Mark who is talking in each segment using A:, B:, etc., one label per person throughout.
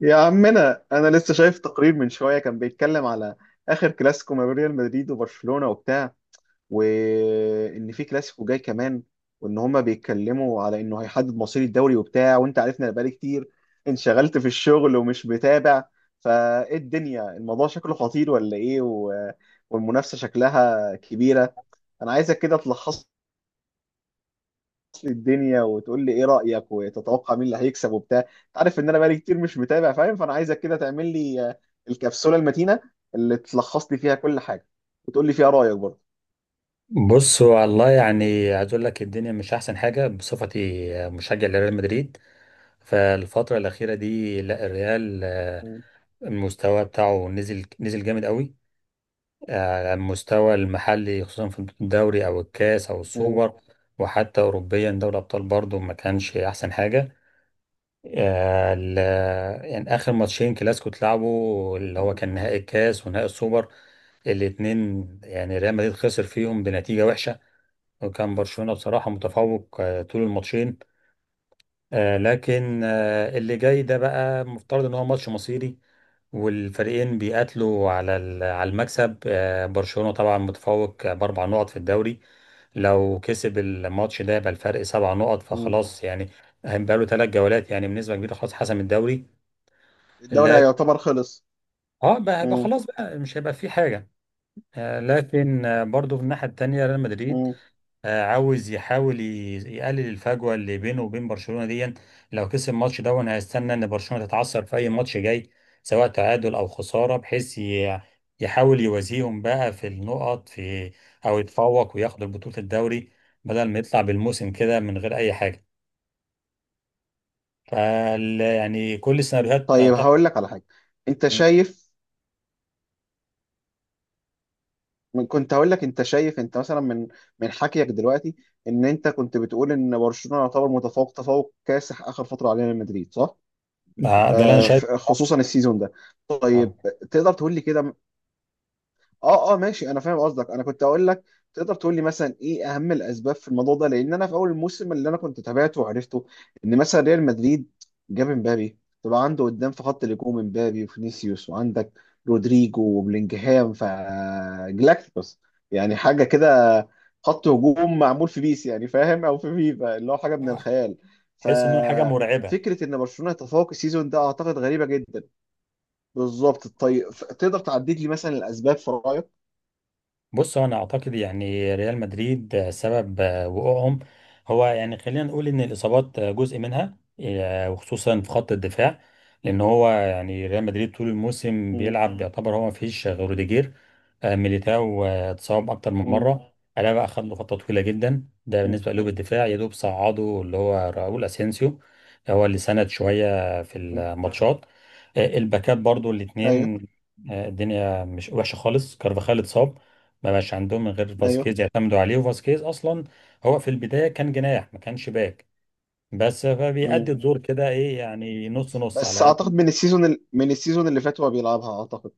A: يا عمنا، انا لسه شايف تقرير من شويه كان بيتكلم على اخر كلاسيكو ما بين ريال مدريد وبرشلونه وبتاع، وان في كلاسيكو جاي كمان، وان هما بيتكلموا على انه هيحدد مصير الدوري وبتاع. وانت عارفنا بقالي كتير انشغلت في الشغل ومش متابع، فايه الدنيا؟ الموضوع شكله خطير ولا ايه والمنافسه شكلها كبيره. انا عايزك كده تلخص لي الدنيا وتقول لي ايه رأيك وتتوقع مين اللي هيكسب وبتاع. انت عارف ان انا بقالي كتير مش متابع، فاهم؟ فانا عايزك كده تعمل لي الكبسولة المتينة اللي تلخص لي فيها كل حاجة وتقول لي فيها رأيك برضه.
B: بص، هو والله يعني عايز اقول لك الدنيا مش احسن حاجه بصفتي مشجع لريال مدريد. فالفتره الاخيره دي لا الريال
A: مم.
B: المستوى بتاعه نزل نزل جامد قوي على المستوى المحلي خصوصا في الدوري او الكاس او
A: مم.
B: السوبر. وحتى اوروبيا دوري الابطال برضو ما كانش احسن حاجه. آه، ال- يعني اخر ماتشين كلاسيكو اتلعبوا اللي هو كان نهائي الكاس ونهائي السوبر الاتنين، يعني ريال مدريد خسر فيهم بنتيجه وحشه، وكان برشلونة بصراحة متفوق طول الماتشين. لكن اللي جاي ده بقى مفترض ان هو ماتش مصيري والفريقين بيقاتلوا على المكسب. برشلونة طبعا متفوق ب4 نقط في الدوري. لو كسب الماتش ده يبقى الفرق 7 نقط،
A: مم.
B: فخلاص يعني هيبقى له 3 جولات، يعني بنسبة كبيرة خلاص حسم الدوري.
A: الدوري
B: لكن
A: يعتبر خلص.
B: اه بقى
A: مم.
B: خلاص بقى مش هيبقى في حاجة. لكن برضو في الناحية التانية ريال مدريد
A: مم.
B: عاوز يحاول يقلل الفجوه اللي بينه وبين برشلونه دي لو كسب الماتش ده، وانا هستنى ان برشلونه تتعثر في اي ماتش جاي سواء تعادل او خساره، بحيث يحاول يوازيهم بقى في النقط في، او يتفوق وياخد بطوله الدوري بدل ما يطلع بالموسم كده من غير اي حاجه. فال يعني كل السيناريوهات
A: طيب،
B: طبعا.
A: هقول لك على حاجة. انت شايف، كنت هقول لك، انت شايف انت مثلا من حكيك دلوقتي ان انت كنت بتقول ان برشلونة يعتبر متفوق تفوق كاسح اخر فترة علينا من مدريد، صح؟
B: ده اللي انا شايفه.
A: خصوصا السيزون ده.
B: طبعاً.
A: طيب، تقدر تقول لي كده. اه اه، ماشي، انا فاهم قصدك. انا كنت اقول لك، تقدر تقول لي مثلا ايه اهم الاسباب في الموضوع ده؟ لان انا في اول الموسم اللي انا كنت تابعته وعرفته ان مثلا ريال مدريد جاب امبابي. طبعا عنده قدام في خط الهجوم امبابي وفينيسيوس، وعندك رودريجو وبلينجهام، فجلاكتيكوس، يعني حاجه كده. خط هجوم معمول في بيس، يعني فاهم، او في فيفا، اللي هو حاجه من
B: آه.
A: الخيال. ف
B: حس انه حاجه مرعبه.
A: فكره ان برشلونه يتفوق السيزون ده اعتقد غريبه جدا. بالظبط. طيب، تقدر تعدد لي مثلا الاسباب في رايك؟
B: بص، هو انا اعتقد يعني ريال مدريد سبب وقوعهم هو يعني خلينا نقول ان الاصابات جزء منها وخصوصا في خط الدفاع. لان هو يعني ريال مدريد طول الموسم
A: مم.
B: بيلعب يعتبر هو ما فيش غير روديجير. ميليتاو اتصاب اكتر من
A: مم.
B: مره. الابا اخذ له فتره طويله جدا. ده
A: مم.
B: بالنسبه لقلوب الدفاع، يا دوب صعده اللي هو راؤول اسينسيو هو اللي سند شويه في
A: مم.
B: الماتشات. الباكات برضو
A: ايوه.
B: الاثنين، الدنيا مش وحشه خالص. كارفاخال اتصاب، ما بقاش عندهم من غير
A: ايوه.
B: فاسكيز يعتمدوا عليه، وفاسكيز اصلا هو في البدايه كان جناح، ما كانش باك، بس فبيأدي
A: مم.
B: الدور كده ايه، يعني نص نص
A: بس
B: على
A: اعتقد
B: قد.
A: من السيزون من السيزون اللي فات هو بيلعبها، اعتقد.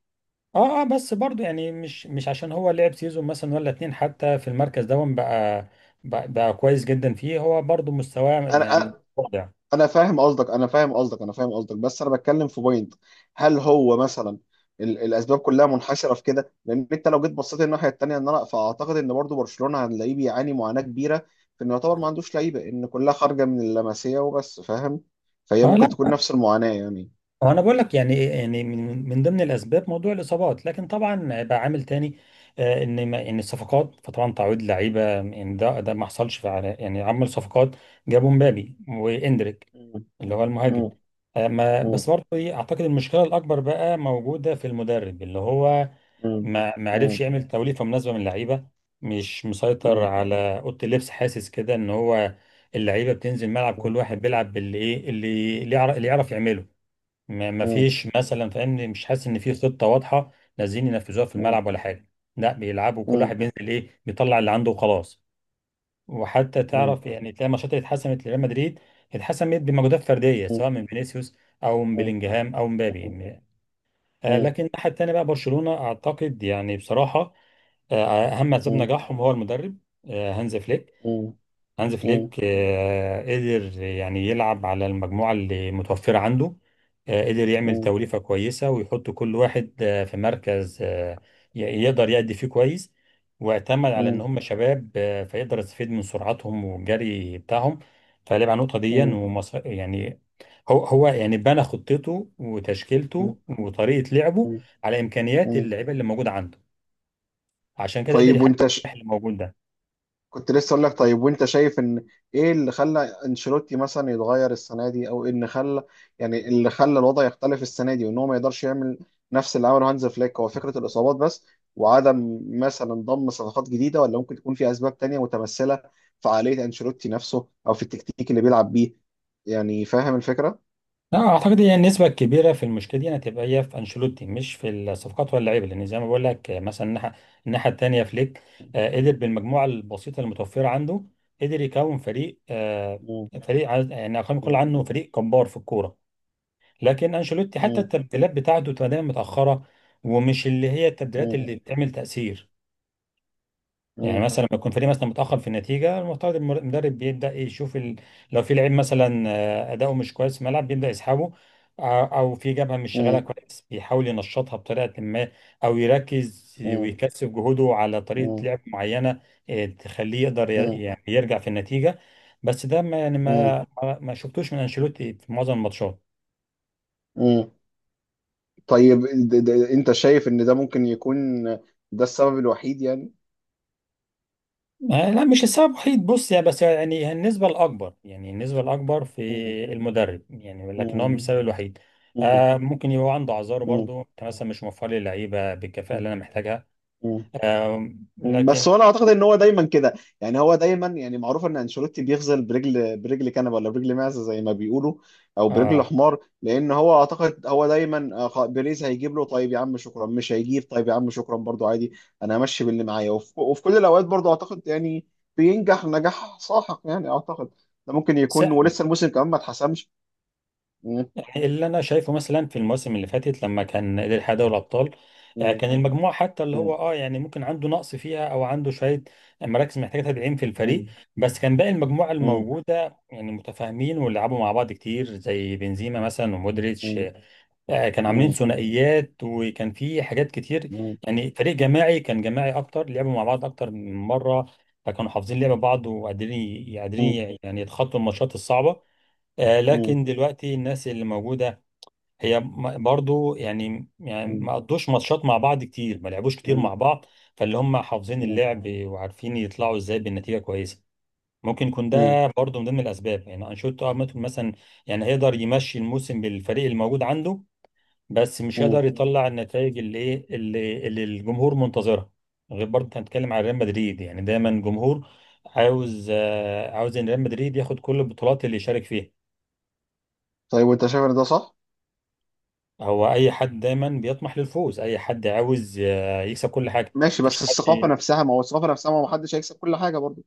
B: اه اه بس برضو يعني مش عشان هو لعب سيزون مثلا ولا اتنين حتى في المركز ده بقى بقى كويس جدا فيه، هو برضو مستواه
A: انا
B: يعني
A: انا
B: واضع.
A: أنا فاهم قصدك، انا فاهم قصدك، انا فاهم قصدك. بس انا بتكلم في بوينت. هل هو مثلا الاسباب كلها منحشره في كده؟ لان انت لو جيت بصيت الناحيه الثانيه، ان انا فاعتقد ان برضو برشلونه هنلاقيه بيعاني معاناه كبيره في انه يعتبر ما عندوش لعيبه، ان كلها خارجه من اللمسيه وبس، فاهم؟ فهي
B: اه لا،
A: ممكن تكون نفس المعاناه يعني.
B: هو انا بقول لك يعني من ضمن الاسباب موضوع الاصابات، لكن طبعا بقى عامل تاني. ان ما ان الصفقات، فطبعا تعويض لعيبه يعني ده ما حصلش فعلا يعني عمل صفقات. جابوا مبابي واندريك اللي هو المهاجم.
A: مم.
B: آه ما
A: مم.
B: بس برضو ايه اعتقد المشكله الاكبر بقى موجوده في المدرب اللي هو
A: مم.
B: ما عرفش
A: مم.
B: يعمل توليفه مناسبه من اللعيبه. مش مسيطر
A: مم.
B: على اوضه اللبس، حاسس كده ان هو اللعيبه بتنزل ملعب كل واحد بيلعب باللي ايه اللي يعرف يعمله. ما ما
A: مم.
B: فيش مثلا فاهمني، مش حاسس ان في خطه واضحه نازلين ينفذوها في
A: مم.
B: الملعب ولا حاجه. لا بيلعبوا كل
A: مم.
B: واحد بينزل ايه، بيطلع اللي عنده وخلاص. وحتى
A: مم.
B: تعرف يعني تلاقي ماتشات اللي اتحسمت لريال مدريد اتحسمت بمجهودات فرديه
A: مم.
B: سواء من فينيسيوس او من
A: مم.
B: بلينجهام او مبابي.
A: مم.
B: لكن الناحيه الثانيه بقى برشلونه، اعتقد يعني بصراحه اهم اسباب
A: مم. مم.
B: نجاحهم هو المدرب هانز فليك.
A: مم. مم.
B: قدر يعني يلعب على المجموعه اللي متوفره عنده قدر يعمل توليفه كويسه ويحط كل واحد في مركز يقدر يأدي فيه كويس. واعتمد على ان
A: مم.
B: هم شباب فيقدر يستفيد من سرعتهم والجري بتاعهم، فلعب على النقطه دي
A: مم.
B: يعني هو يعني بنى خطته
A: مم.
B: وتشكيلته وطريقه لعبه على امكانيات
A: مم.
B: اللعيبه اللي موجوده عنده، عشان كده قدر
A: طيب
B: يحقق
A: وانت
B: النجاح اللي موجود ده.
A: كنت لسه اقول لك، طيب وانت شايف ان ايه اللي خلى انشيلوتي مثلا يتغير السنه دي، او إيه اللي خلى يعني اللي خلى الوضع يختلف السنه دي، وان هو ما يقدرش يعمل نفس اللي عمله هانز فليك؟ هو فكره الاصابات بس، وعدم مثلا ضم صفقات جديده؟ ولا ممكن تكون في اسباب تانية متمثله في عقليه انشيلوتي نفسه او في التكتيك اللي بيلعب بيه؟ يعني فاهم الفكره؟
B: لا اعتقد هي النسبه الكبيره في المشكله دي هتبقى هي في انشيلوتي، مش في الصفقات ولا اللعيبه، لان زي ما بقول لك مثلا الناحيه الثانيه فليك قدر بالمجموعه البسيطه المتوفره عنده قدر يكون فريق
A: مم.
B: يعني خلينا نقول
A: مم.
B: عنه فريق جبار في الكوره. لكن انشيلوتي حتى
A: مم.
B: التبديلات بتاعته تبقى دايما متاخره، ومش اللي هي التبديلات
A: مم.
B: اللي بتعمل تاثير. يعني
A: مم.
B: مثلا لما يكون فريق مثلا متاخر في النتيجه، المفترض المدرب بيبدا يشوف لو في لعيب مثلا اداؤه مش كويس في الملعب بيبدا يسحبه، او في جبهه مش شغاله
A: مم.
B: كويس بيحاول ينشطها بطريقه ما، او يركز
A: مم.
B: ويكثف جهوده على طريقه لعب معينه تخليه يقدر
A: مم.
B: يعني يرجع في النتيجه. بس ده ما يعني
A: مم.
B: ما شفتوش من انشيلوتي في معظم الماتشات.
A: مم. طيب، انت شايف ان ده ممكن يكون ده السبب الوحيد يعني؟
B: لا، مش السبب الوحيد. بص يعني، بس يعني النسبة الأكبر في
A: مم.
B: المدرب، يعني لكن هو مش
A: مم.
B: السبب الوحيد.
A: مم.
B: ممكن يبقى عنده أعذاره
A: مم.
B: برضو، أنت مثلا مش موفر لي اللعيبة بالكفاءة اللي أنا محتاجها
A: مم.
B: آه لكن
A: بس هو انا اعتقد ان هو دايما كده، يعني هو دايما، يعني معروف ان انشيلوتي بيغزل برجل، برجل كنبه ولا برجل معزه زي ما بيقولوا، او برجل
B: آه
A: حمار. لان هو اعتقد هو دايما بيريز هيجيب له طيب يا عم شكرا، مش هيجيب طيب يا عم شكرا برضو عادي. انا همشي باللي معايا وفي كل الاوقات برضو، اعتقد يعني بينجح نجاح ساحق، يعني اعتقد. ده ممكن يكون، ولسه الموسم كمان ما اتحسمش. مم.
B: يعني اللي انا شايفه مثلا في المواسم اللي فاتت لما كان قدر يحقق دوري الابطال
A: مم.
B: كان المجموعه حتى اللي هو
A: مم.
B: يعني ممكن عنده نقص فيها، او عنده شويه مراكز محتاجه تدعيم في الفريق،
A: مم.
B: بس كان باقي المجموعه
A: مم.
B: الموجوده يعني متفاهمين ولعبوا مع بعض كتير زي بنزيما مثلا ومودريتش
A: مم.
B: كانوا عاملين
A: مم.
B: ثنائيات، وكان في حاجات كتير.
A: مم.
B: يعني فريق جماعي، كان جماعي اكتر، لعبوا مع بعض اكتر من مره، فكانوا حافظين لعب بعض وقادرين
A: مم.
B: قادرين يعني يتخطوا الماتشات الصعبه.
A: مم.
B: لكن دلوقتي الناس اللي موجودة هي برضو يعني ما قضوش ماتشات مع بعض كتير، ما لعبوش كتير مع بعض، فاللي هم حافظين
A: مم.
B: اللعب وعارفين يطلعوا ازاي بالنتيجه كويسه. ممكن يكون
A: مم.
B: ده برضو من ضمن الاسباب. يعني انشيلوتي ممكن مثلا يعني هيقدر يمشي الموسم بالفريق الموجود عنده، بس مش هيقدر
A: مم.
B: يطلع النتائج اللي الجمهور منتظرها. غير برضو إحنا هنتكلم عن ريال مدريد، يعني دايما الجمهور عاوز عاوز ان ريال مدريد ياخد كل البطولات اللي يشارك فيها.
A: طيب وانت شايف ان ده صح؟
B: هو اي حد دايما بيطمح للفوز، اي حد عاوز يكسب كل حاجه.
A: ماشي، بس
B: مفيش حد،
A: الثقافه نفسها، ما هو الثقافه نفسها، ما هو محدش هيكسب كل حاجه برضه.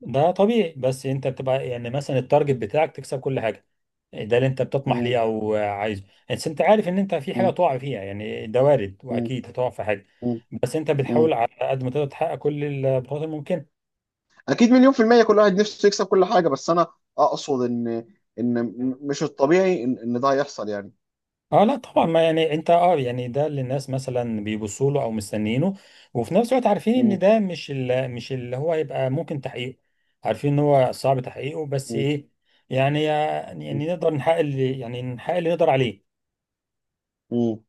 B: ده طبيعي، بس انت بتبقى يعني مثلا التارجت بتاعك تكسب كل حاجه، ده اللي انت بتطمح
A: مم.
B: ليه او عايزه. بس انت عارف ان انت في حاجه
A: مم.
B: تقع فيها، يعني ده وارد
A: مم.
B: واكيد هتقع في حاجه،
A: مم.
B: بس انت
A: مم.
B: بتحاول على قد ما تقدر تحقق كل البطولات الممكنه.
A: اكيد مليون في الميه كل واحد نفسه يكسب كل حاجه، بس انا اقصد ان ان مش الطبيعي ان, ده هيحصل يعني.
B: اه لا طبعا ما يعني انت يعني ده اللي الناس مثلا بيبصوا له او مستنيينه، وفي نفس الوقت عارفين ان
A: مم.
B: ده مش اللي هو يبقى ممكن تحقيقه، عارفين ان هو صعب تحقيقه، بس
A: مم.
B: ايه يعني يعني
A: مم.
B: يعني نقدر نحقق اللي نقدر عليه.
A: مم.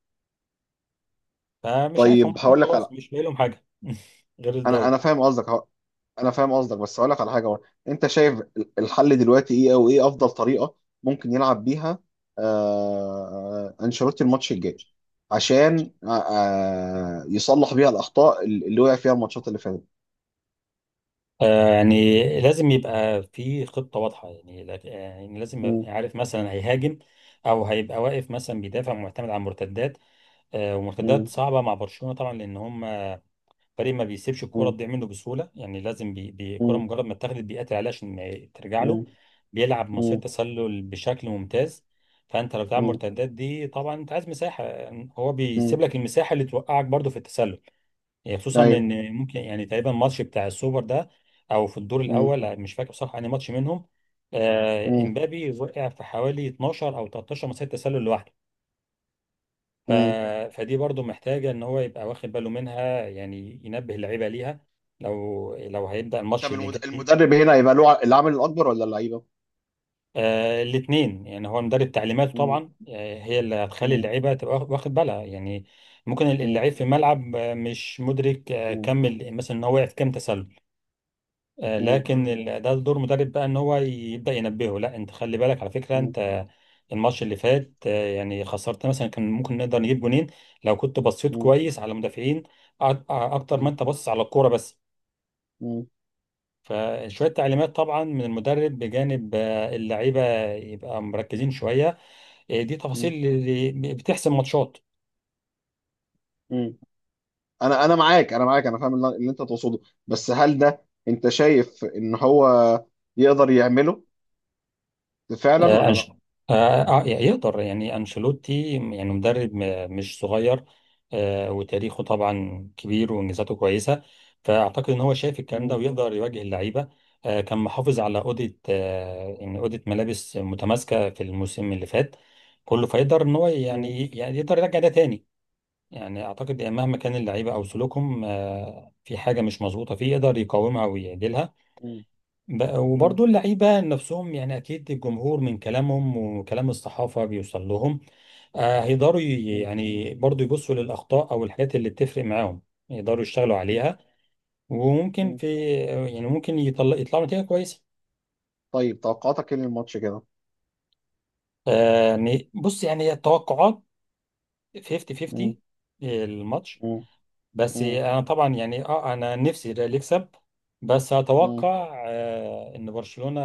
B: فمش عارف، هم
A: طيب،
B: كده
A: هقول لك على...
B: خلاص مش باقي لهم حاجه غير
A: انا
B: الدوري.
A: انا فاهم قصدك أهو. انا فاهم قصدك، بس اقول لك على حاجه برضه. انت شايف الحل دلوقتي ايه، او ايه افضل طريقه ممكن يلعب بيها انشيلوتي الماتش الجاي، عشان يصلح بيها الاخطاء اللي وقع فيها الماتشات اللي فاتت؟
B: يعني لازم يبقى في خطه واضحه، يعني يعني لازم يبقى
A: مم.
B: يعني عارف مثلا هيهاجم، او هيبقى واقف مثلا بيدافع معتمد على المرتدات ومرتدات
A: مم.
B: صعبه مع برشلونه طبعا. لان هم فريق ما بيسيبش الكرة
A: مم.
B: تضيع منه بسهولة، يعني لازم الكرة
A: مم.
B: مجرد ما اتاخدت بيقاتل عليها عشان ما ترجع له،
A: مم.
B: بيلعب مسيرة
A: مم.
B: تسلل بشكل ممتاز. فأنت لو بتلعب
A: مم.
B: مرتدات دي طبعا أنت عايز مساحة، هو
A: مم.
B: بيسيب لك المساحة اللي توقعك برضو في التسلل. يعني خصوصا
A: ايوه.
B: إن ممكن يعني تقريبا الماتش بتاع السوبر ده أو في الدور
A: مم.
B: الأول، مش فاكر بصراحة أنهي ماتش منهم،
A: مم.
B: امبابي وقع في حوالي 12 أو 13 مسيرة تسلل لوحده. ف...
A: مم.
B: فدي برضو محتاجة ان هو يبقى واخد باله منها، يعني ينبه اللعيبة ليها لو هيبدأ الماتش
A: طب
B: اللي جاي.
A: المدرب هنا هيبقى له العامل الاكبر ولا اللعيبه؟
B: الاثنين، يعني هو مدرب تعليماته
A: مم.
B: طبعا هي اللي هتخلي
A: مم.
B: اللعيبة تبقى واخد بالها، يعني ممكن
A: مم.
B: اللعيب في الملعب مش مدرك
A: مم.
B: مثلا ان هو وقع في كام تسلل،
A: مم.
B: لكن ده دور مدرب بقى ان هو يبدا ينبهه، لا انت خلي بالك على فكره
A: مم.
B: انت الماتش اللي فات يعني خسرت مثلا كان ممكن نقدر نجيب جونين لو كنت بصيت
A: مم.
B: كويس على المدافعين اكتر ما انت بص على الكوره بس.
A: مم.
B: فشويه تعليمات طبعا من المدرب بجانب اللعيبه يبقى مركزين شويه، دي تفاصيل
A: مم.
B: اللي بتحسم ماتشات.
A: مم. انا معاك، انا معاك، انا فاهم اللي انت تقصده. بس هل ده انت شايف ان هو يقدر يعمله فعلا
B: آه،
A: ولا لا؟
B: أنش... يقدر يعني أنشيلوتي، يعني مدرب مش صغير وتاريخه طبعا كبير وإنجازاته كويسة، فأعتقد إن هو شايف الكلام ده
A: مم.
B: ويقدر يواجه اللعيبة. كان محافظ على أوضة يعني أوضة ملابس متماسكة في الموسم اللي فات كله، فيقدر إن هو
A: مم.
B: يعني يقدر يرجع ده تاني. يعني أعتقد يعني مهما كان اللعيبة أو سلوكهم في حاجة مش مظبوطة فيه يقدر يقاومها ويعدلها.
A: مم. مم.
B: وبرضه اللعيبة نفسهم يعني أكيد الجمهور من كلامهم وكلام الصحافة بيوصل لهم. هيقدروا
A: مم.
B: يعني برضه يبصوا للأخطاء أو الحاجات اللي بتفرق معاهم، يقدروا يشتغلوا
A: مم.
B: عليها. وممكن
A: مم.
B: في، يعني ممكن يطلعوا نتيجة كويسة.
A: طيب، توقعاتك ايه للماتش كده؟
B: يعني بص يعني التوقعات 50
A: مم.
B: 50 الماتش.
A: مم.
B: بس
A: مم.
B: انا طبعا يعني انا نفسي الريال يكسب، بس
A: مم.
B: اتوقع ان برشلونة،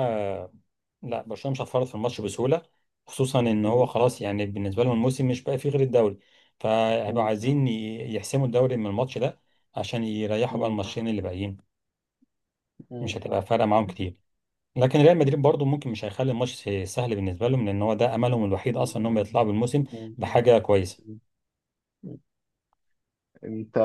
B: لا برشلونة مش هتفرط في الماتش بسهولة، خصوصا ان هو
A: مم.
B: خلاص يعني بالنسبة لهم الموسم مش بقى فيه غير الدوري، فهيبقوا
A: مم.
B: عايزين يحسموا الدوري من الماتش ده عشان يريحوا بقى
A: مم.
B: الماتشين اللي باقيين،
A: مم.
B: مش هتبقى فارقة معاهم كتير. لكن ريال مدريد برضو ممكن مش هيخلي الماتش سهل بالنسبة لهم، لان هو ده املهم الوحيد اصلا
A: مم.
B: انهم يطلعوا بالموسم بحاجة كويسة.
A: مم. انت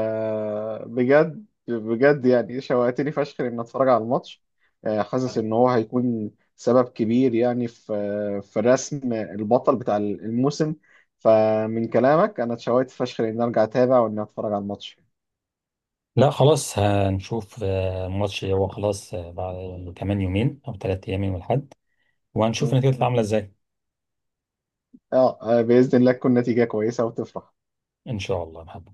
A: بجد بجد، يعني شوقتني فشخ ان اتفرج على الماتش. حاسس ان هو هيكون سبب كبير يعني في رسم البطل بتاع الموسم. فمن كلامك انا اتشوقت فشخ ان ارجع اتابع وان اتفرج على الماتش.
B: لا خلاص، هنشوف الماتش هو خلاص بعد كمان يومين او 3 ايام يوم الاحد، وهنشوف النتيجه هتبقى عامله ازاي.
A: اه باذن الله تكون نتيجه كويسه وتفرح.
B: ان شاء الله يا محمد.